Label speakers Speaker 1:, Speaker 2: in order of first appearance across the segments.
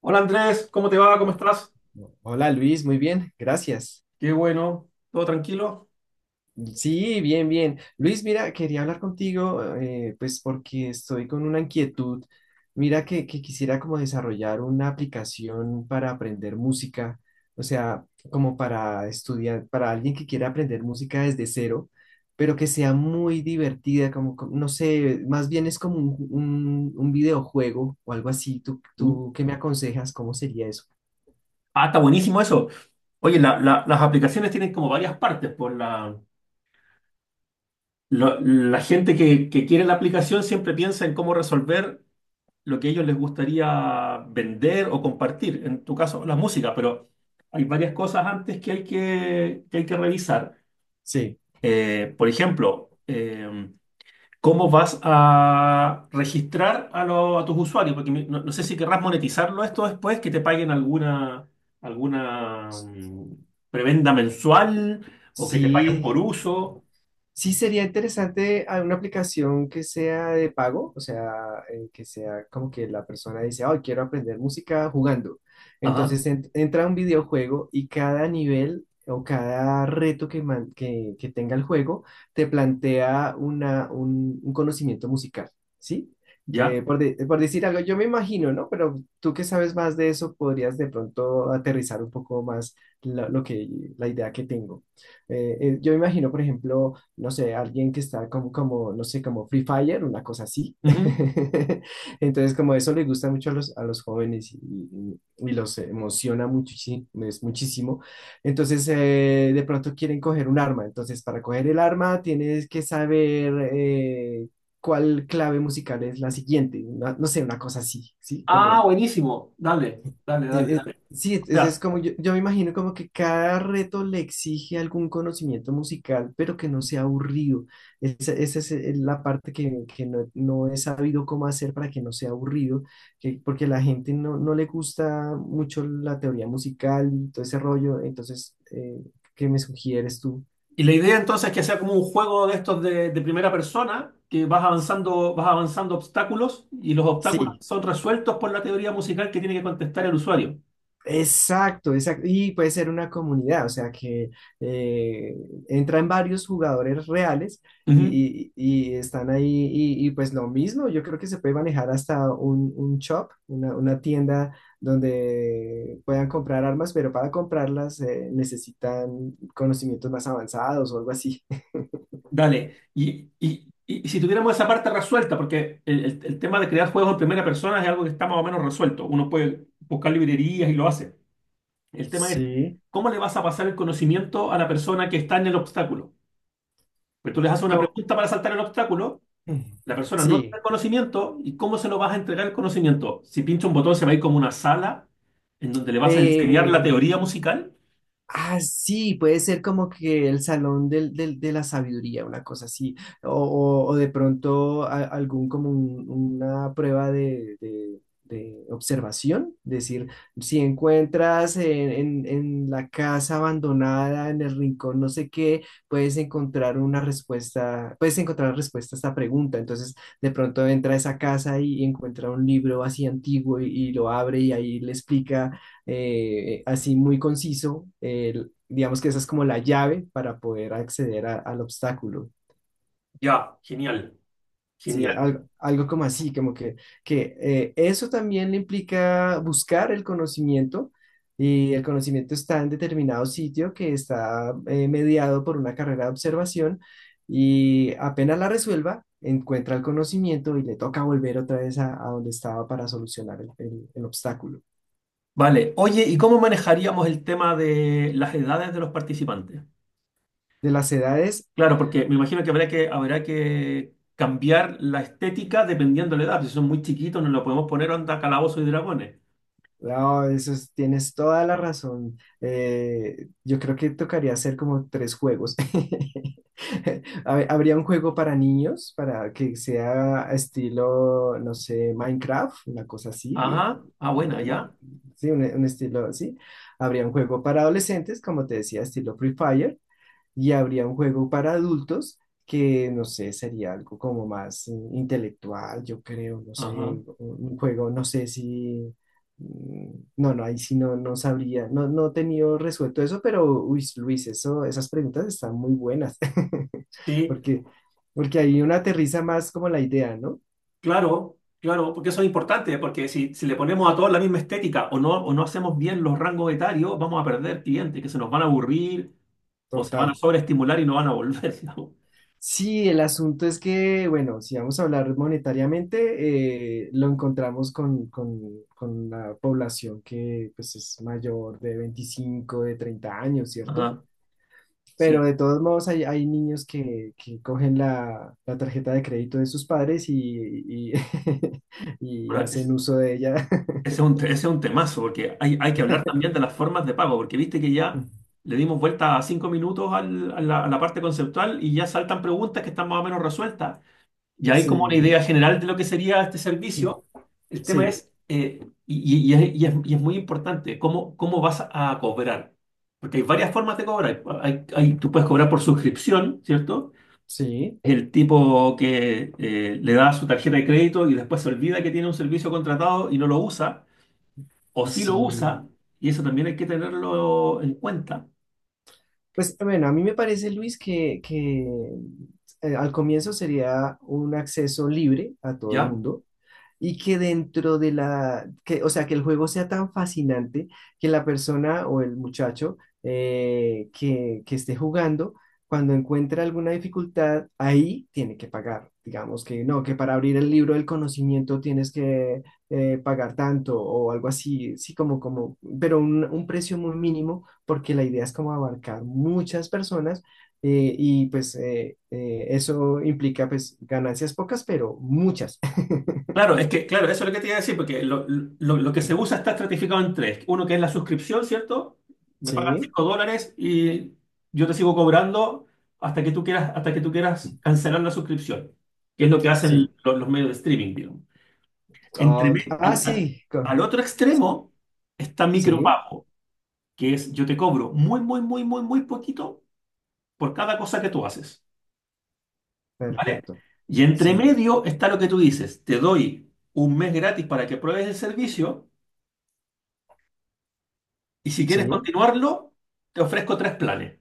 Speaker 1: Hola Andrés, ¿cómo te va? ¿Cómo
Speaker 2: Ho-
Speaker 1: estás?
Speaker 2: Hola Luis, muy bien, gracias.
Speaker 1: Qué bueno, ¿todo tranquilo?
Speaker 2: Sí, bien, bien. Luis, mira, quería hablar contigo, pues porque estoy con una inquietud. Mira que quisiera como desarrollar una aplicación para aprender música, o sea, como para estudiar, para alguien que quiera aprender música desde cero, pero que sea muy divertida, como, no sé, más bien es como un, un videojuego o algo así. ¿Tú,
Speaker 1: Mm.
Speaker 2: tú qué me aconsejas? ¿Cómo sería eso?
Speaker 1: Ah, está buenísimo eso. Oye, las aplicaciones tienen como varias partes. La gente que quiere la aplicación siempre piensa en cómo resolver lo que a ellos les gustaría vender o compartir. En tu caso, la música, pero hay varias cosas antes que hay que hay que revisar.
Speaker 2: Sí.
Speaker 1: Por ejemplo, cómo vas a registrar a tus usuarios, porque no sé si querrás monetizarlo esto después, que te paguen alguna, alguna mm, prebenda mensual o que te paguen por
Speaker 2: Sí,
Speaker 1: uso.
Speaker 2: Sí, sería interesante a una aplicación que sea de pago, o sea, que sea como que la persona dice, oh, quiero aprender música jugando.
Speaker 1: Ajá,
Speaker 2: Entonces entra a un videojuego y cada nivel o cada reto que tenga el juego te plantea una, un conocimiento musical, ¿sí?
Speaker 1: ya.
Speaker 2: Por, por decir algo, yo me imagino, ¿no? Pero tú que sabes más de eso, podrías de pronto aterrizar un poco más lo que, la idea que tengo. Yo me imagino, por ejemplo, no sé, alguien que está como, como, no sé, como Free Fire, una cosa así.
Speaker 1: Ujú.
Speaker 2: Entonces, como eso le gusta mucho a los jóvenes y los emociona muchísimo, es muchísimo. Entonces, de pronto quieren coger un arma. Entonces, para coger el arma tienes que saber cuál clave musical es la siguiente. No sé, una cosa así, ¿sí?
Speaker 1: Ah,
Speaker 2: Como
Speaker 1: buenísimo. Dale, dale, dale, dale.
Speaker 2: sí,
Speaker 1: O
Speaker 2: es
Speaker 1: sea,
Speaker 2: como yo me imagino como que cada reto le exige algún conocimiento musical, pero que no sea aburrido. Esa es la parte que no, no he sabido cómo hacer para que no sea aburrido, que, porque a la gente no, no le gusta mucho la teoría musical y todo ese rollo. Entonces, ¿qué me sugieres tú?
Speaker 1: y la idea entonces es que sea como un juego de estos de primera persona, que vas avanzando obstáculos y los obstáculos
Speaker 2: Sí,
Speaker 1: son resueltos por la teoría musical que tiene que contestar el usuario.
Speaker 2: exacto, exacto. Y puede ser una comunidad, o sea que eh, entran varios jugadores reales
Speaker 1: Ujú.
Speaker 2: y están ahí y pues lo mismo, yo creo que se puede manejar hasta un shop, una tienda donde puedan comprar armas, pero para comprarlas necesitan conocimientos más avanzados o algo así.
Speaker 1: Dale, y si tuviéramos esa parte resuelta, porque el tema de crear juegos en primera persona es algo que está más o menos resuelto, uno puede buscar librerías y lo hace. El tema es,
Speaker 2: Sí.
Speaker 1: ¿cómo le vas a pasar el conocimiento a la persona que está en el obstáculo? Pues tú les haces una
Speaker 2: Co-
Speaker 1: pregunta para saltar el obstáculo, la persona no tiene
Speaker 2: sí.
Speaker 1: el conocimiento, ¿y cómo se lo vas a entregar el conocimiento? Si pincha un botón se va a ir como una sala en donde le vas a enseñar la
Speaker 2: Eh,
Speaker 1: teoría musical.
Speaker 2: ah, sí, puede ser como que el salón del, de la sabiduría, una cosa así, o, o de pronto algún como una prueba de, de observación, decir, si encuentras en, en la casa abandonada, en el rincón, no sé qué, puedes encontrar una respuesta, puedes encontrar respuesta a esta pregunta, entonces de pronto entra a esa casa y encuentra un libro así antiguo y lo abre y ahí le explica así muy conciso, digamos que esa es como la llave para poder acceder al obstáculo.
Speaker 1: Ya, genial,
Speaker 2: Sí,
Speaker 1: genial.
Speaker 2: algo, algo como así, como que eso también le implica buscar el conocimiento y el conocimiento está en determinado sitio que está mediado por una carrera de observación y apenas la resuelva, encuentra el conocimiento y le toca volver otra vez a donde estaba para solucionar el, el obstáculo.
Speaker 1: Vale, oye, ¿y cómo manejaríamos el tema de las edades de los participantes?
Speaker 2: De las edades,
Speaker 1: Claro, porque me imagino que habrá que cambiar la estética dependiendo de la edad. Si son muy chiquitos, no lo podemos poner onda calabozos y dragones.
Speaker 2: no, tienes toda la razón. Yo creo que tocaría hacer como tres juegos. A ver, habría un juego para niños, para que sea estilo, no sé, Minecraft, una cosa así.
Speaker 1: Ajá, ah, buena, ya.
Speaker 2: Sí, un estilo así. Habría un juego para adolescentes, como te decía, estilo Free Fire y habría un juego para adultos que, no sé, sería algo como más intelectual, yo creo, no
Speaker 1: Ajá,
Speaker 2: sé, un juego, no sé si, mm, no, no, ahí sí no, no sabría, no, no he tenido resuelto eso, pero, uy, Luis, eso, esas preguntas están muy buenas,
Speaker 1: sí,
Speaker 2: porque, porque ahí uno aterriza más como la idea, ¿no?
Speaker 1: claro, claro, porque eso es importante, porque si le ponemos a todos la misma estética o no hacemos bien los rangos etarios, vamos a perder clientes que se nos van a aburrir o se van
Speaker 2: Total.
Speaker 1: a sobreestimular y no van a volver, digamos.
Speaker 2: Sí, el asunto es que, bueno, si vamos a hablar monetariamente, lo encontramos con la población que pues, es mayor de 25, de 30 años, ¿cierto?
Speaker 1: Ajá,
Speaker 2: Pero de todos modos hay, hay niños que cogen la, la tarjeta de crédito de sus padres y, y hacen
Speaker 1: sí.
Speaker 2: uso de ella.
Speaker 1: Ese es un temazo, porque hay que hablar también de las formas de pago, porque viste que ya le dimos vuelta a 5 minutos a la parte conceptual y ya saltan preguntas que están más o menos resueltas. Ya hay como una
Speaker 2: Sí,
Speaker 1: idea general de lo que sería este servicio. El tema
Speaker 2: sí,
Speaker 1: es, y es muy importante, cómo vas a cobrar. Porque hay varias formas de cobrar. Tú puedes cobrar por suscripción, ¿cierto?
Speaker 2: sí,
Speaker 1: El tipo que le da su tarjeta de crédito y después se olvida que tiene un servicio contratado y no lo usa o si lo
Speaker 2: sí.
Speaker 1: usa, y eso también hay que tenerlo en cuenta.
Speaker 2: Pues bueno, a mí me parece, Luis, que, al comienzo sería un acceso libre a todo el
Speaker 1: ¿Ya?
Speaker 2: mundo y que dentro de la, que, o sea, que el juego sea tan fascinante que la persona o el muchacho que esté jugando, cuando encuentra alguna dificultad, ahí tiene que pagar. Digamos que no, que para abrir el libro del conocimiento tienes que pagar tanto o algo así, sí, como, como, pero un precio muy mínimo, porque la idea es como abarcar muchas personas y pues eso implica pues ganancias pocas, pero muchas.
Speaker 1: Claro, es que, claro, eso es lo que te iba a decir, porque lo que se usa está estratificado en tres. Uno que es la suscripción, ¿cierto? Me pagas
Speaker 2: Sí,
Speaker 1: $5 y yo te sigo cobrando hasta que tú quieras cancelar la suscripción, que es lo que hacen
Speaker 2: sí.
Speaker 1: los medios de streaming, digamos. Entre,
Speaker 2: Ok.
Speaker 1: me-
Speaker 2: Ah,
Speaker 1: al, al-
Speaker 2: sí.
Speaker 1: al otro extremo está
Speaker 2: Sí,
Speaker 1: micropago, que es yo te cobro muy, muy, muy, muy, muy poquito por cada cosa que tú haces. ¿Vale?
Speaker 2: perfecto.
Speaker 1: Y entre
Speaker 2: Sí,
Speaker 1: medio está lo que tú dices, te doy un mes gratis para que pruebes el servicio y si quieres
Speaker 2: sí,
Speaker 1: continuarlo, te ofrezco tres planes.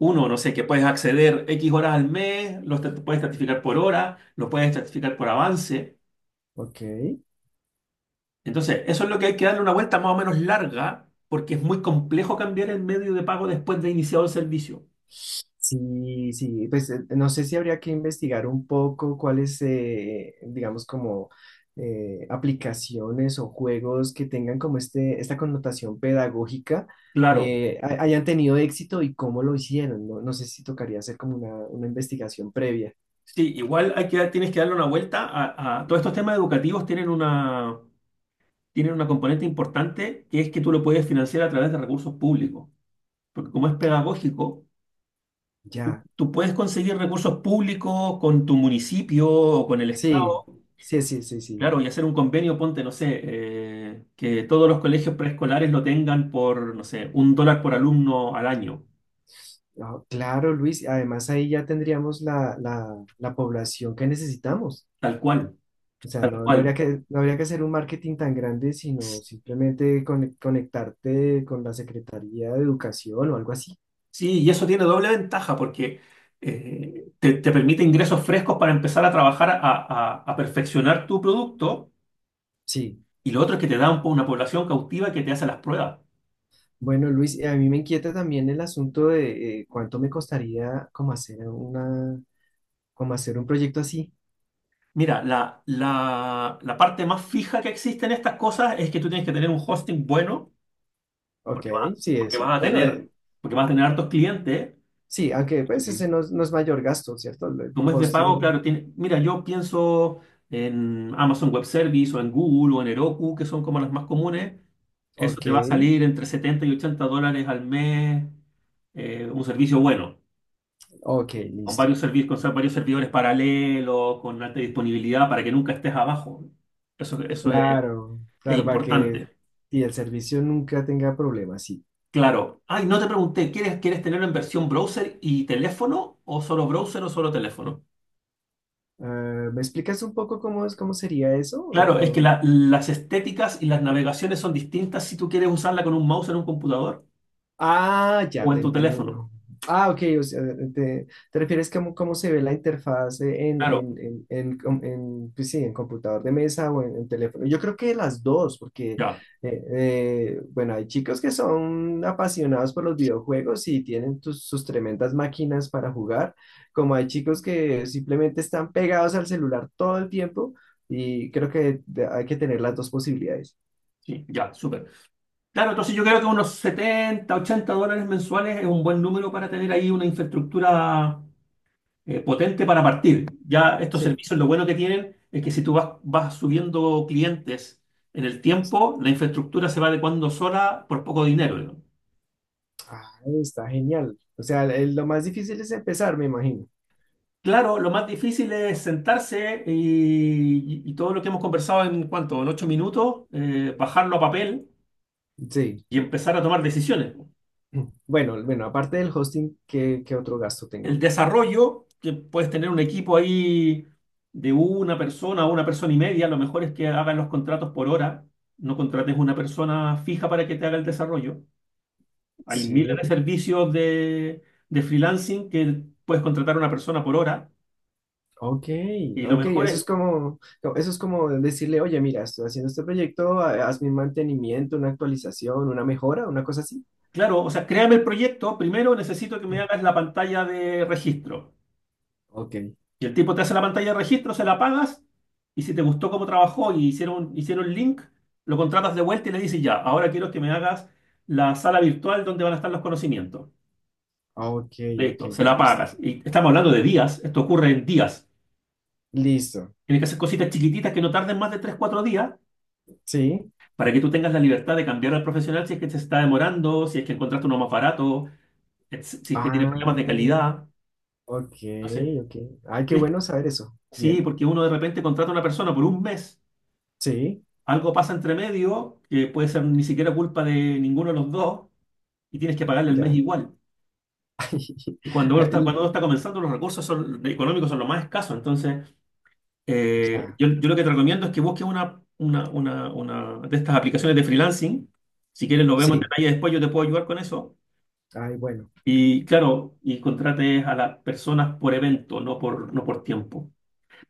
Speaker 1: Uno, no sé, que puedes acceder X horas al mes, puedes certificar por hora, lo puedes certificar por avance.
Speaker 2: ok.
Speaker 1: Entonces, eso es lo que hay que darle una vuelta más o menos larga porque es muy complejo cambiar el medio de pago después de iniciado el servicio.
Speaker 2: Sí, sí, pues no sé si habría que investigar un poco cuáles, digamos, como aplicaciones o juegos que tengan como este, esta connotación pedagógica
Speaker 1: Claro,
Speaker 2: hayan tenido éxito y cómo lo hicieron. No, no sé si tocaría hacer como una investigación previa.
Speaker 1: sí, igual hay tienes que darle una vuelta todos estos temas educativos tienen una componente importante que es que tú lo puedes financiar a través de recursos públicos, porque como es pedagógico,
Speaker 2: Ya,
Speaker 1: tú puedes conseguir recursos públicos con tu municipio o con el Estado,
Speaker 2: sí, sí, sí, sí, sí.
Speaker 1: claro, y hacer un convenio, ponte, no sé, que todos los colegios preescolares lo tengan por, no sé, $1 por alumno al año,
Speaker 2: Ah, claro, Luis, además ahí ya tendríamos la, la población que necesitamos.
Speaker 1: tal cual,
Speaker 2: O sea,
Speaker 1: tal
Speaker 2: no, no habría
Speaker 1: cual.
Speaker 2: que, no habría que hacer un marketing tan grande, sino simplemente conectarte con la Secretaría de Educación o algo así.
Speaker 1: Sí, y eso tiene doble ventaja porque te permite ingresos frescos para empezar a trabajar a perfeccionar tu producto.
Speaker 2: Sí.
Speaker 1: Y lo otro es que te da una población cautiva que te hace las pruebas.
Speaker 2: Bueno, Luis, a mí me inquieta también el asunto de cuánto me costaría como hacer una, como hacer un proyecto así.
Speaker 1: Mira, la parte más fija que existe en estas cosas es que tú tienes que tener un hosting bueno,
Speaker 2: Ok,
Speaker 1: porque vas,
Speaker 2: sí,
Speaker 1: porque
Speaker 2: eso.
Speaker 1: vas a
Speaker 2: Bueno,
Speaker 1: tener, porque vas a tener hartos clientes.
Speaker 2: sí, aunque pues
Speaker 1: Eh,
Speaker 2: ese no, es no es mayor gasto, ¿cierto? El
Speaker 1: Como es de pago,
Speaker 2: hosting.
Speaker 1: claro, tiene, mira, yo pienso en Amazon Web Service o en Google o en Heroku, que son como las más comunes. Eso
Speaker 2: Ok,
Speaker 1: te va a salir entre 70 y 80 dólares al mes, un servicio bueno,
Speaker 2: ok,
Speaker 1: con varios
Speaker 2: listo.
Speaker 1: servidores, varios servidores paralelos, con alta disponibilidad para que nunca estés abajo. Eso, eso es,
Speaker 2: Claro,
Speaker 1: es
Speaker 2: claro, para que
Speaker 1: importante.
Speaker 2: y el servicio nunca tenga problemas, sí.
Speaker 1: Claro. Ay, no te pregunté, ¿quieres tenerlo en versión browser y teléfono o solo browser o solo teléfono?
Speaker 2: Ah, ¿me explicas un poco cómo es, cómo sería eso?
Speaker 1: Claro, es que
Speaker 2: O,
Speaker 1: las estéticas y las navegaciones son distintas si tú quieres usarla con un mouse en un computador
Speaker 2: ah, ya
Speaker 1: o en
Speaker 2: te
Speaker 1: tu teléfono.
Speaker 2: entiendo. Ah, ok, o sea, te refieres cómo cómo se ve la interfaz
Speaker 1: Claro,
Speaker 2: en, en, pues sí, en computador de mesa o en teléfono. Yo creo que las dos, porque,
Speaker 1: ya,
Speaker 2: eh, bueno, hay chicos que son apasionados por los videojuegos y tienen sus tremendas máquinas para jugar, como hay chicos que simplemente están pegados al celular todo el tiempo y creo que hay que tener las dos posibilidades.
Speaker 1: sí, ya, súper. Claro, entonces yo creo que unos 70 80 dólares mensuales es un buen número para tener ahí una infraestructura potente para partir. Ya estos
Speaker 2: Sí.
Speaker 1: servicios, lo bueno que tienen es que si tú vas subiendo clientes en el tiempo, la infraestructura se va adecuando sola por poco dinero. ¿No?
Speaker 2: Ah, está genial. O sea, lo más difícil es empezar, me imagino.
Speaker 1: Claro, lo más difícil es sentarse y todo lo que hemos conversado en 8 minutos, bajarlo a papel
Speaker 2: Sí.
Speaker 1: y empezar a tomar decisiones.
Speaker 2: Bueno, bueno, aparte del hosting, ¿qué, qué otro gasto
Speaker 1: El
Speaker 2: tengo?
Speaker 1: desarrollo, que puedes tener un equipo ahí de una persona o una persona y media, lo mejor es que hagan los contratos por hora, no contrates una persona fija para que te haga el desarrollo. Hay miles de
Speaker 2: Sí,
Speaker 1: servicios de freelancing que puedes contratar a una persona por hora.
Speaker 2: ok,
Speaker 1: Y lo
Speaker 2: ok,
Speaker 1: mejor
Speaker 2: eso es
Speaker 1: es,
Speaker 2: como, no, eso es como decirle, oye, mira, estoy haciendo este proyecto, hazme un mantenimiento, una actualización, una mejora, una cosa así.
Speaker 1: claro, o sea, créame el proyecto. Primero necesito que me hagas la pantalla de registro.
Speaker 2: Ok,
Speaker 1: Y el tipo te hace la pantalla de registro, se la pagas. Y si te gustó cómo trabajó y hicieron el link, lo contratas de vuelta y le dices ya, ahora quiero que me hagas la sala virtual donde van a estar los conocimientos.
Speaker 2: ok, ok,
Speaker 1: Listo, se la
Speaker 2: listo.
Speaker 1: pagas. Y estamos hablando de días. Esto ocurre en días.
Speaker 2: Listo,
Speaker 1: Tienes que hacer cositas chiquititas que no tarden más de tres cuatro días
Speaker 2: sí.
Speaker 1: para que tú tengas la libertad de cambiar al profesional si es que se está demorando, si es que encontraste uno más barato, si es que tiene
Speaker 2: Ah,
Speaker 1: problemas de calidad.
Speaker 2: ok,
Speaker 1: No sé.
Speaker 2: ok. Ay, qué
Speaker 1: Sí,
Speaker 2: bueno saber eso.
Speaker 1: sí,
Speaker 2: Bien,
Speaker 1: porque uno de repente contrata a una persona por un mes,
Speaker 2: sí,
Speaker 1: algo pasa entre medio, que puede ser ni siquiera culpa de ninguno de los dos, y tienes que pagarle el mes
Speaker 2: ya.
Speaker 1: igual. Y cuando uno está,
Speaker 2: Ay,
Speaker 1: cuando uno está comenzando, los recursos económicos son los más escasos. Entonces,
Speaker 2: ya,
Speaker 1: yo lo que te recomiendo es que busques una de estas aplicaciones de freelancing. Si quieres, lo vemos en
Speaker 2: sí,
Speaker 1: detalle después, yo te puedo ayudar con eso.
Speaker 2: ay, bueno.
Speaker 1: Y claro, y contrates a las personas por evento, no por, tiempo.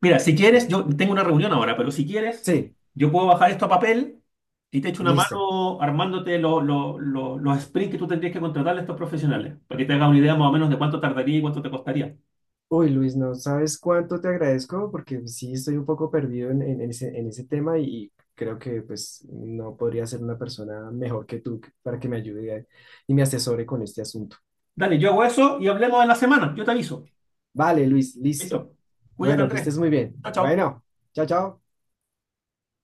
Speaker 1: Mira, si quieres, yo tengo una reunión ahora, pero si quieres,
Speaker 2: Sí,
Speaker 1: yo puedo bajar esto a papel y te echo una
Speaker 2: listo.
Speaker 1: mano armándote los sprints que tú tendrías que contratarle a estos profesionales, para que te hagas una idea más o menos de cuánto tardaría y cuánto te costaría.
Speaker 2: Uy, Luis, no sabes cuánto te agradezco porque sí estoy un poco perdido en, en ese tema y creo que pues no podría ser una persona mejor que tú para que me ayude y me asesore con este asunto.
Speaker 1: Dale, yo hago eso y hablemos en la semana. Yo te aviso.
Speaker 2: Vale, Luis, listo.
Speaker 1: Listo. Cuídate,
Speaker 2: Bueno, que
Speaker 1: Andrés.
Speaker 2: estés muy bien.
Speaker 1: Chao, chao.
Speaker 2: Bueno, chao, chao.